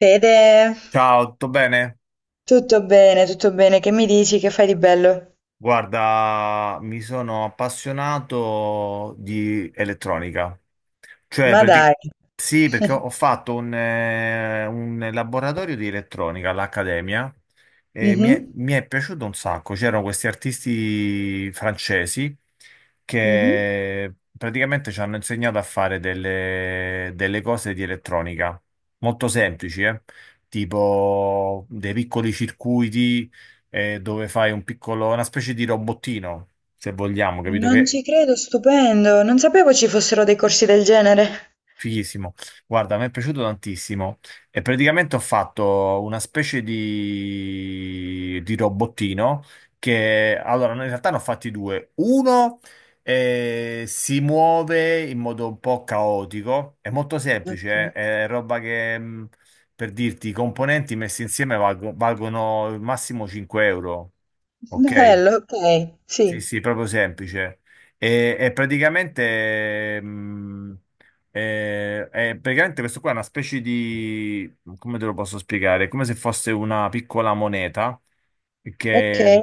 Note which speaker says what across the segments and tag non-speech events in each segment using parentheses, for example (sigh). Speaker 1: Fede,
Speaker 2: Ciao, tutto bene?
Speaker 1: tutto bene, tutto bene. Che mi dici? Che fai di bello?
Speaker 2: Guarda, mi sono appassionato di elettronica. Cioè,
Speaker 1: Ma dai.
Speaker 2: sì, perché ho
Speaker 1: (laughs)
Speaker 2: ho fatto un laboratorio di elettronica all'Accademia e mi è,
Speaker 1: Mhm,
Speaker 2: mi è piaciuto un sacco. C'erano questi artisti francesi
Speaker 1: mhm.
Speaker 2: che praticamente ci hanno insegnato a fare delle cose di elettronica molto semplici, eh? Tipo dei piccoli circuiti dove fai un piccolo, una specie di robottino, se vogliamo, capito?
Speaker 1: Non
Speaker 2: Che
Speaker 1: ci credo, stupendo. Non sapevo ci fossero dei corsi del genere.
Speaker 2: Fighissimo. Guarda, mi è piaciuto tantissimo e praticamente ho fatto una specie di robottino che allora no, in realtà ne ho fatti due. Uno si muove in modo un po' caotico, è molto semplice,
Speaker 1: Ok.
Speaker 2: è roba che per dirti i componenti messi insieme valgono il massimo 5 euro, ok?
Speaker 1: Bello, ok.
Speaker 2: Sì,
Speaker 1: Sì,
Speaker 2: sì, proprio semplice. E praticamente questo qua è una specie di, come te lo posso spiegare? È come se fosse una piccola moneta
Speaker 1: ok.
Speaker 2: che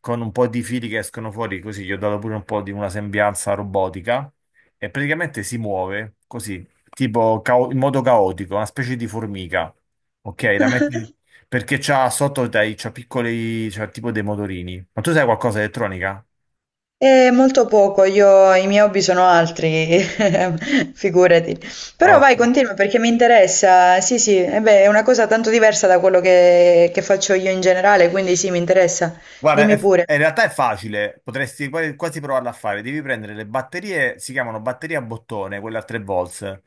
Speaker 2: con un po' di fili che escono fuori, così gli ho dato pure un po' di una sembianza robotica e praticamente si muove così, in modo caotico, una specie di formica. Ok, la metti perché c'ha sotto dai, c'ha piccoli, c'ha tipo dei motorini. Ma tu sai qualcosa di elettronica?
Speaker 1: E molto poco, io i miei hobby sono altri, (laughs) figurati.
Speaker 2: Ah,
Speaker 1: Però vai,
Speaker 2: ok.
Speaker 1: continua perché mi interessa. Sì, sì, e beh, è una cosa tanto diversa da quello che faccio io in generale, quindi sì, mi interessa.
Speaker 2: Guarda,
Speaker 1: Dimmi pure.
Speaker 2: in realtà è facile, potresti quasi provarla a fare. Devi prendere le batterie, si chiamano batterie a bottone, quelle a 3 volts,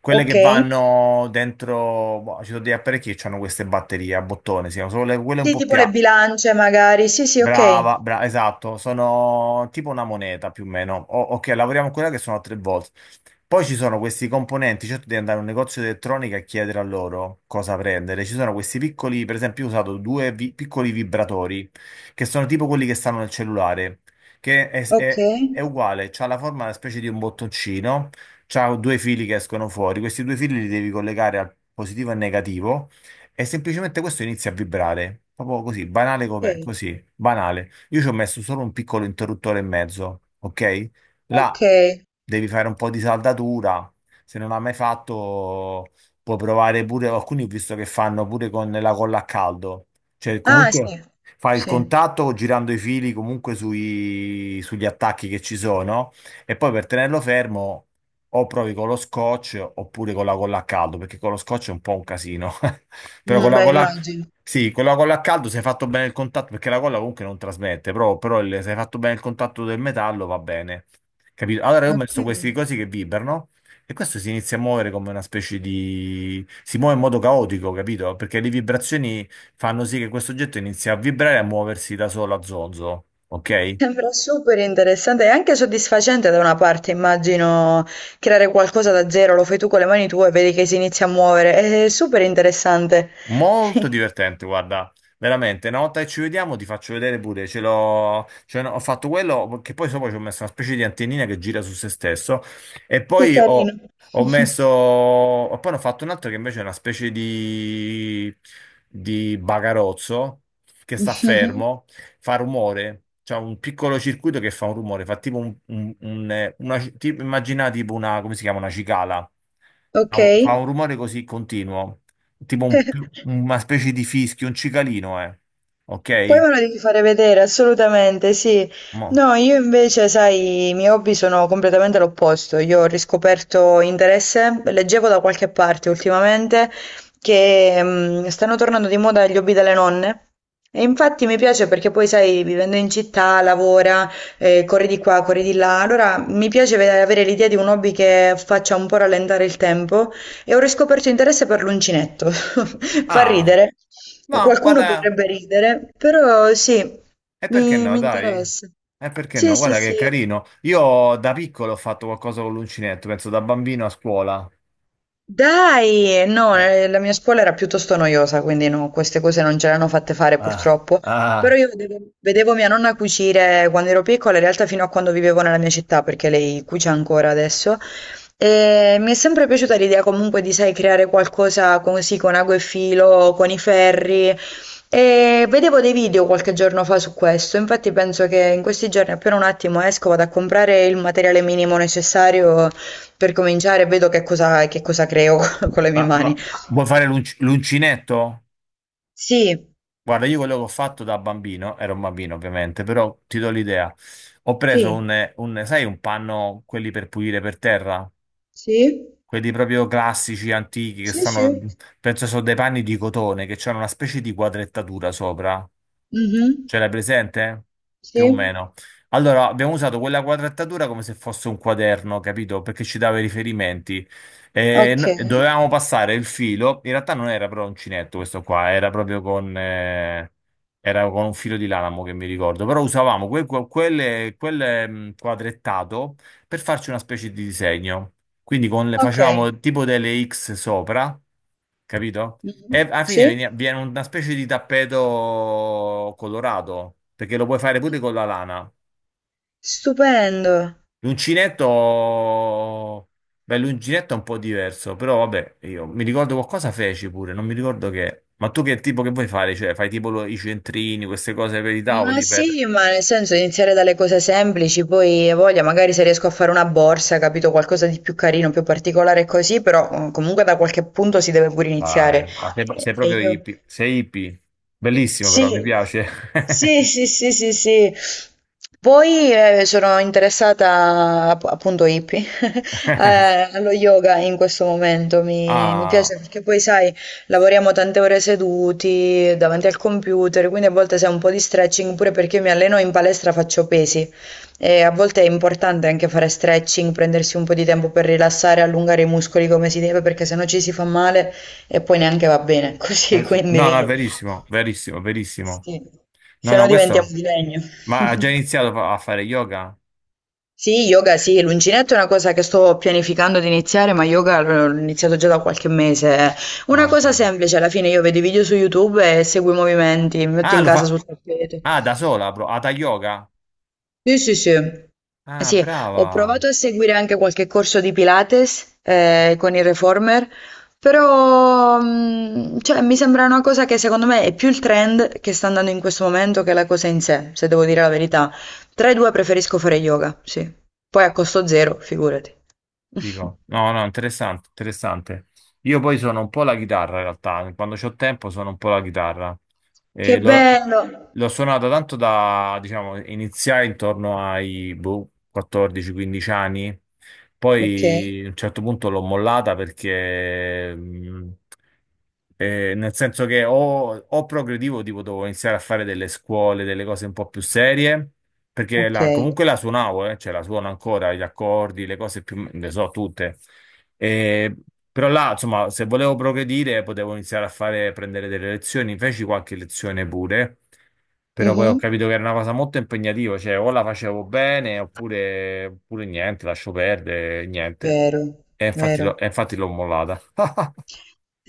Speaker 2: quelle
Speaker 1: Ok.
Speaker 2: che vanno dentro. Boh, ci sono degli apparecchi che hanno queste batterie a bottone, si chiamano, sono quelle un
Speaker 1: Sì,
Speaker 2: po'
Speaker 1: tipo
Speaker 2: più.
Speaker 1: le bilance magari. Sì, sì,
Speaker 2: Brava,
Speaker 1: okay.
Speaker 2: brava, esatto, sono tipo una moneta più o meno. Ok, lavoriamo con quella che sono a tre volte. Poi ci sono questi componenti, certo devi andare a un negozio di elettronica e chiedere a loro cosa prendere. Ci sono questi piccoli, per esempio, io ho usato due piccoli vibratori, che sono tipo quelli che stanno nel cellulare, che è
Speaker 1: Okay,
Speaker 2: uguale, c'ha la forma una specie di un bottoncino, c'ha due fili che escono fuori, questi due fili li devi collegare al positivo e al negativo. E semplicemente questo inizia a vibrare, proprio così, banale com'è,
Speaker 1: okay,
Speaker 2: così, banale. Io ci ho messo solo un piccolo interruttore e mezzo, ok? Là
Speaker 1: okay.
Speaker 2: devi fare un po' di saldatura, se non l'hai mai fatto puoi provare pure, alcuni ho visto che fanno pure con la colla a caldo, cioè
Speaker 1: Ah
Speaker 2: comunque
Speaker 1: sì,
Speaker 2: fai il
Speaker 1: sì.
Speaker 2: contatto girando i fili comunque sugli attacchi che ci sono e poi per tenerlo fermo. O provi con lo scotch oppure con la colla a caldo, perché con lo scotch è un po' un casino. (laughs) Però con la
Speaker 1: Beh
Speaker 2: colla,
Speaker 1: immagino.
Speaker 2: sì, con la colla a caldo se hai fatto bene il contatto, perché la colla comunque non trasmette, però se hai fatto bene il contatto del metallo va bene. Capito? Allora io ho messo questi
Speaker 1: Okay.
Speaker 2: cosi che vibrano e questo si inizia a muovere come una specie di. Si muove in modo caotico, capito? Perché le vibrazioni fanno sì che questo oggetto inizi a vibrare e a muoversi da solo a zonzo, ok?
Speaker 1: Sembra super interessante e anche soddisfacente da una parte immagino, creare qualcosa da zero, lo fai tu con le mani tue e vedi che si inizia a muovere. È super interessante.
Speaker 2: Molto
Speaker 1: (laughs)
Speaker 2: divertente, guarda, veramente. Una volta che ci vediamo ti faccio vedere pure, ce l'ho, cioè, no, ho fatto quello che poi sopra ci ho messo una specie di antennina che gira su se stesso e
Speaker 1: Che
Speaker 2: poi
Speaker 1: carino.
Speaker 2: ho,
Speaker 1: (laughs)
Speaker 2: e poi ne ho fatto un altro che invece è una specie di bagarozzo che sta
Speaker 1: Mh-mh.
Speaker 2: fermo, fa rumore, c'è un piccolo circuito che fa un rumore, fa tipo immagina tipo una, come si chiama, una cicala, fa un
Speaker 1: Okay.
Speaker 2: rumore così continuo tipo
Speaker 1: (laughs)
Speaker 2: una specie di fischio, un cicalino, eh.
Speaker 1: Poi
Speaker 2: Ok?
Speaker 1: me lo devi fare vedere, assolutamente, sì.
Speaker 2: Mo-
Speaker 1: No, io invece, sai, i miei hobby sono completamente l'opposto. Io ho riscoperto interesse, leggevo da qualche parte ultimamente che stanno tornando di moda gli hobby delle nonne. E infatti mi piace perché poi, sai, vivendo in città, lavora, corri di qua, corri di là. Allora mi piace avere l'idea di un hobby che faccia un po' rallentare il tempo e ho riscoperto interesse per l'uncinetto. (laughs) Fa
Speaker 2: Ah,
Speaker 1: ridere,
Speaker 2: ma
Speaker 1: qualcuno
Speaker 2: guarda,
Speaker 1: potrebbe ridere, però sì,
Speaker 2: e perché
Speaker 1: mi,
Speaker 2: no,
Speaker 1: mi
Speaker 2: dai?
Speaker 1: interessa.
Speaker 2: E perché no?
Speaker 1: Sì, sì,
Speaker 2: Guarda che
Speaker 1: sì.
Speaker 2: carino. Io da piccolo ho fatto qualcosa con l'uncinetto, penso da bambino a scuola.
Speaker 1: Dai! No,
Speaker 2: Eh,
Speaker 1: la mia scuola era piuttosto noiosa, quindi no, queste cose non ce le hanno fatte fare
Speaker 2: ah,
Speaker 1: purtroppo. Però
Speaker 2: ah,
Speaker 1: io vedevo, vedevo mia nonna cucire quando ero piccola, in realtà fino a quando vivevo nella mia città, perché lei cuce ancora adesso. E mi è sempre piaciuta l'idea comunque di, sai, creare qualcosa così con ago e filo, con i ferri. E vedevo dei video qualche giorno fa su questo, infatti penso che in questi giorni appena un attimo esco vado a comprare il materiale minimo necessario per cominciare vedo che cosa creo (laughs) con le mie
Speaker 2: ma,
Speaker 1: mani.
Speaker 2: ma vuoi fare l'uncinetto?
Speaker 1: Sì,
Speaker 2: Guarda, io quello che ho fatto da bambino, ero un bambino ovviamente, però ti do l'idea. Ho preso
Speaker 1: sì,
Speaker 2: sai, un panno, quelli per pulire per terra?
Speaker 1: sì,
Speaker 2: Quelli proprio classici, antichi, che
Speaker 1: sì, sì,
Speaker 2: stanno, penso sono dei panni di cotone, che hanno una specie di quadrettatura sopra.
Speaker 1: mhm,
Speaker 2: Ce l'hai presente? Più o
Speaker 1: sì,
Speaker 2: meno. Allora, abbiamo usato quella quadrettatura come se fosse un quaderno, capito? Perché ci dava i riferimenti. E
Speaker 1: ok,
Speaker 2: no- E dovevamo passare il filo. In realtà non era però uncinetto questo qua, era proprio era con un filo di lanamo che mi ricordo. Però usavamo quadrettato per farci una specie di disegno. Quindi
Speaker 1: ok,
Speaker 2: facevamo tipo delle X sopra, capito?
Speaker 1: mhm,
Speaker 2: E alla fine
Speaker 1: sì,
Speaker 2: viene una specie di tappeto colorato, perché lo puoi fare pure con la lana.
Speaker 1: stupendo.
Speaker 2: L'uncinetto, beh, l'uncinetto è un po' diverso, però vabbè, io mi ricordo qualcosa feci pure, non mi ricordo che. Ma tu che tipo che vuoi fare? Cioè, fai tipo i centrini, queste cose per i
Speaker 1: Ma
Speaker 2: tavoli, per...
Speaker 1: sì, ma nel senso iniziare dalle cose semplici, poi hai voglia, magari se riesco a fare una borsa, capito, qualcosa di più carino, più particolare così, però comunque da qualche punto si deve pure
Speaker 2: Vai,
Speaker 1: iniziare.
Speaker 2: ma sei,
Speaker 1: E
Speaker 2: sei
Speaker 1: e
Speaker 2: proprio
Speaker 1: io...
Speaker 2: hippie, sei hippie. Bellissimo però, mi
Speaker 1: Sì,
Speaker 2: piace.
Speaker 1: sì, sì, sì, sì, sì. Poi sono interessata appunto hippie (laughs) allo yoga in questo momento, mi
Speaker 2: (laughs) Ah.
Speaker 1: piace perché poi sai, lavoriamo tante ore seduti davanti al computer, quindi a volte sai un po' di stretching pure perché io mi alleno in palestra, faccio pesi e a volte è importante anche fare stretching, prendersi un po' di tempo per rilassare, allungare i muscoli come si deve perché sennò ci si fa male e poi neanche va bene (laughs) così,
Speaker 2: No, no, è
Speaker 1: quindi...
Speaker 2: verissimo, verissimo, verissimo.
Speaker 1: Sì,
Speaker 2: No,
Speaker 1: se
Speaker 2: no,
Speaker 1: no diventiamo
Speaker 2: questo...
Speaker 1: di legno.
Speaker 2: Ma ha già
Speaker 1: (laughs)
Speaker 2: iniziato a fare yoga?
Speaker 1: Sì, yoga sì, l'uncinetto è una cosa che sto pianificando di iniziare, ma yoga l'ho iniziato già da qualche mese. Una
Speaker 2: Ah, ok.
Speaker 1: cosa semplice, alla fine io vedo i video su YouTube e seguo i movimenti, mi metto
Speaker 2: Ah,
Speaker 1: in
Speaker 2: lo
Speaker 1: casa
Speaker 2: fa...
Speaker 1: sul tappeto.
Speaker 2: Ah, da sola, bro. Hatha yoga?
Speaker 1: Sì, sì, sì.
Speaker 2: Ah,
Speaker 1: Sì, ho
Speaker 2: brava.
Speaker 1: provato a seguire anche qualche corso di Pilates con il Reformer, però cioè, mi sembra una cosa che secondo me è più il trend che sta andando in questo momento che la cosa in sé, se devo dire la verità. Tra i due preferisco fare yoga, sì. Poi a costo zero, figurati. (laughs)
Speaker 2: Figo. No, no, interessante, interessante. Io poi sono un po' la chitarra, in realtà. Quando c'ho tempo sono un po' la chitarra.
Speaker 1: Che
Speaker 2: E lo-
Speaker 1: bello!
Speaker 2: L'ho suonata tanto da, diciamo, iniziai intorno ai boh, 14-15 anni,
Speaker 1: Ok,
Speaker 2: poi a un certo punto l'ho mollata perché nel senso che o progredivo, tipo dovevo iniziare a fare delle scuole, delle cose un po' più serie, perché
Speaker 1: ok.
Speaker 2: comunque la suonavo, cioè la suono ancora, gli accordi, le cose più, le so tutte. Eh, però là, insomma, se volevo progredire, potevo iniziare a fare, prendere delle lezioni, feci qualche lezione pure, però poi ho
Speaker 1: Mhm,
Speaker 2: capito che era una cosa molto impegnativa, cioè o la facevo bene oppure, oppure niente, lascio perdere, niente.
Speaker 1: vero, vero.
Speaker 2: E infatti l'ho mollata. (laughs)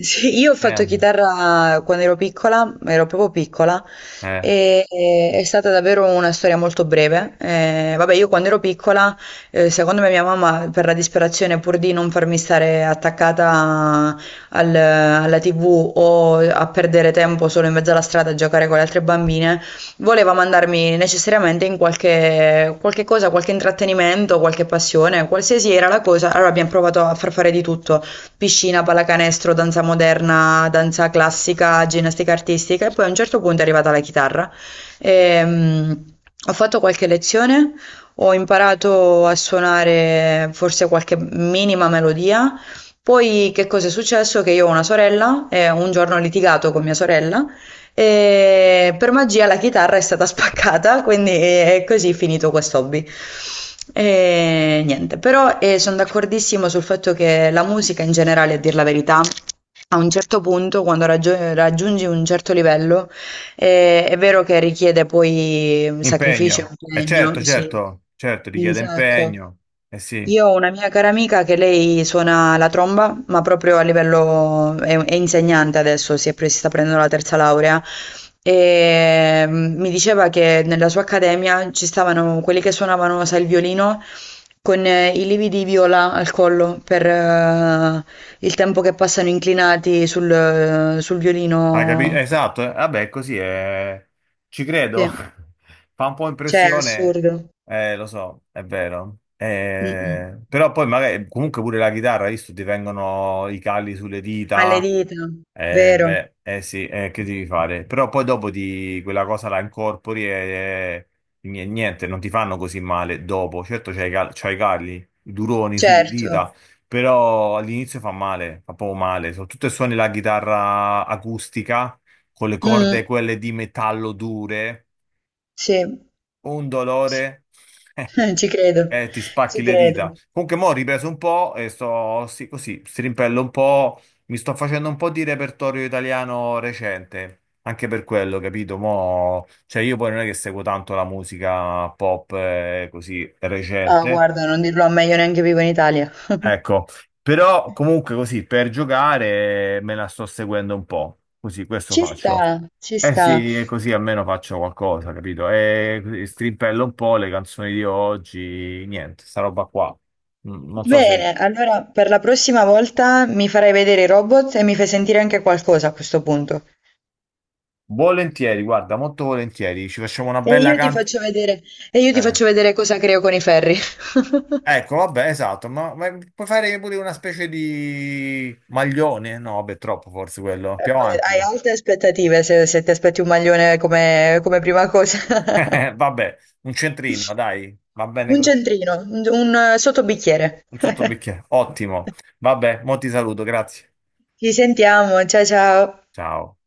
Speaker 1: Sì, io ho
Speaker 2: Eh,
Speaker 1: fatto chitarra quando ero piccola, ero proprio piccola,
Speaker 2: eh.
Speaker 1: e, è stata davvero una storia molto breve. Vabbè, io quando ero piccola, secondo me mia mamma, per la disperazione, pur di non farmi stare attaccata alla TV o a perdere tempo solo in mezzo alla strada a giocare con le altre bambine, voleva mandarmi necessariamente in qualche, qualche cosa, qualche intrattenimento, qualche passione, qualsiasi era la cosa. Allora abbiamo provato a far fare di tutto piscina, pallacanestro, danza moderna, danza classica, ginnastica artistica e poi a un certo punto è arrivata la chitarra. Ehm, ho fatto qualche lezione, ho imparato a suonare forse qualche minima melodia. Poi che cosa è successo? Che io ho una sorella e un giorno ho litigato con mia sorella e per magia la chitarra è stata (laughs) spaccata, quindi è così finito quest'hobby. E niente, però sono d'accordissimo sul fatto che la musica in generale, a dir la verità, a un certo punto, quando raggiungi un certo livello, è vero che richiede poi sacrificio e
Speaker 2: Impegno, eh certo,
Speaker 1: impegno, sì,
Speaker 2: certo, certo,
Speaker 1: un
Speaker 2: richiede
Speaker 1: sacco.
Speaker 2: impegno, eh sì,
Speaker 1: Io ho una mia cara amica che lei suona la tromba, ma proprio a livello... è insegnante adesso, si, è si sta prendendo la terza laurea, e mi diceva che nella sua accademia ci stavano quelli che suonavano, sai, il violino con i lividi di viola al collo per il tempo che passano inclinati sul, sul
Speaker 2: hai capito?
Speaker 1: violino.
Speaker 2: Esatto, vabbè, così è, ci credo,
Speaker 1: Sì,
Speaker 2: (laughs) fa un po'
Speaker 1: cioè, è
Speaker 2: impressione,
Speaker 1: assurdo.
Speaker 2: lo so, è vero,
Speaker 1: Mm-mm.
Speaker 2: però poi magari, comunque pure la chitarra, hai visto, ti vengono i calli sulle
Speaker 1: Alle
Speaker 2: dita,
Speaker 1: dita,
Speaker 2: eh
Speaker 1: vero?
Speaker 2: beh, eh sì, che devi fare? Però poi dopo ti, quella cosa la incorpori e, niente, non ti fanno così male dopo, certo c'hai i calli, i duroni sulle dita,
Speaker 1: Certo.
Speaker 2: però all'inizio fa male, fa proprio male, soprattutto se suoni la chitarra acustica con le
Speaker 1: Mm,
Speaker 2: corde quelle di metallo dure,
Speaker 1: sì.
Speaker 2: un
Speaker 1: Sì.
Speaker 2: dolore
Speaker 1: (laughs)
Speaker 2: (laughs)
Speaker 1: Ci credo,
Speaker 2: e ti
Speaker 1: ci
Speaker 2: spacchi le dita.
Speaker 1: credo.
Speaker 2: Comunque mo' ho ripreso un po' e sto sì, così, strimpello un po', mi sto facendo un po' di repertorio italiano recente. Anche per quello, capito? Mo', cioè io poi non è che seguo tanto la musica pop così
Speaker 1: Ah,
Speaker 2: recente.
Speaker 1: guarda, non dirlo a me, io neanche vivo in Italia. (laughs)
Speaker 2: Ecco, però comunque così per giocare me la sto seguendo un po', così questo
Speaker 1: Ci sta,
Speaker 2: faccio.
Speaker 1: ci
Speaker 2: Eh
Speaker 1: sta.
Speaker 2: sì, e così almeno faccio qualcosa, capito? E così strimpello un po' le canzoni di oggi, niente, sta roba qua. Non so se...
Speaker 1: Bene, allora per la prossima volta mi farai vedere i robot e mi fai sentire anche qualcosa a questo punto.
Speaker 2: Volentieri, guarda, molto volentieri, ci facciamo una
Speaker 1: E
Speaker 2: bella
Speaker 1: io ti
Speaker 2: canta.
Speaker 1: faccio vedere, e io ti
Speaker 2: Eh.
Speaker 1: faccio vedere cosa creo con i ferri. (laughs)
Speaker 2: Ecco, vabbè, esatto, ma puoi fare pure una specie di maglione? No, vabbè, troppo forse quello, più
Speaker 1: Beh, hai
Speaker 2: avanti.
Speaker 1: alte aspettative se, se ti aspetti un maglione come, come prima cosa.
Speaker 2: (laughs) Vabbè, un centrino, dai, va
Speaker 1: (laughs)
Speaker 2: bene
Speaker 1: Un
Speaker 2: così.
Speaker 1: centrino, un sottobicchiere.
Speaker 2: Un
Speaker 1: (laughs)
Speaker 2: sottobicchiere. Ottimo. Vabbè, mo ti saluto, grazie.
Speaker 1: Ci sentiamo, ciao ciao.
Speaker 2: Ciao.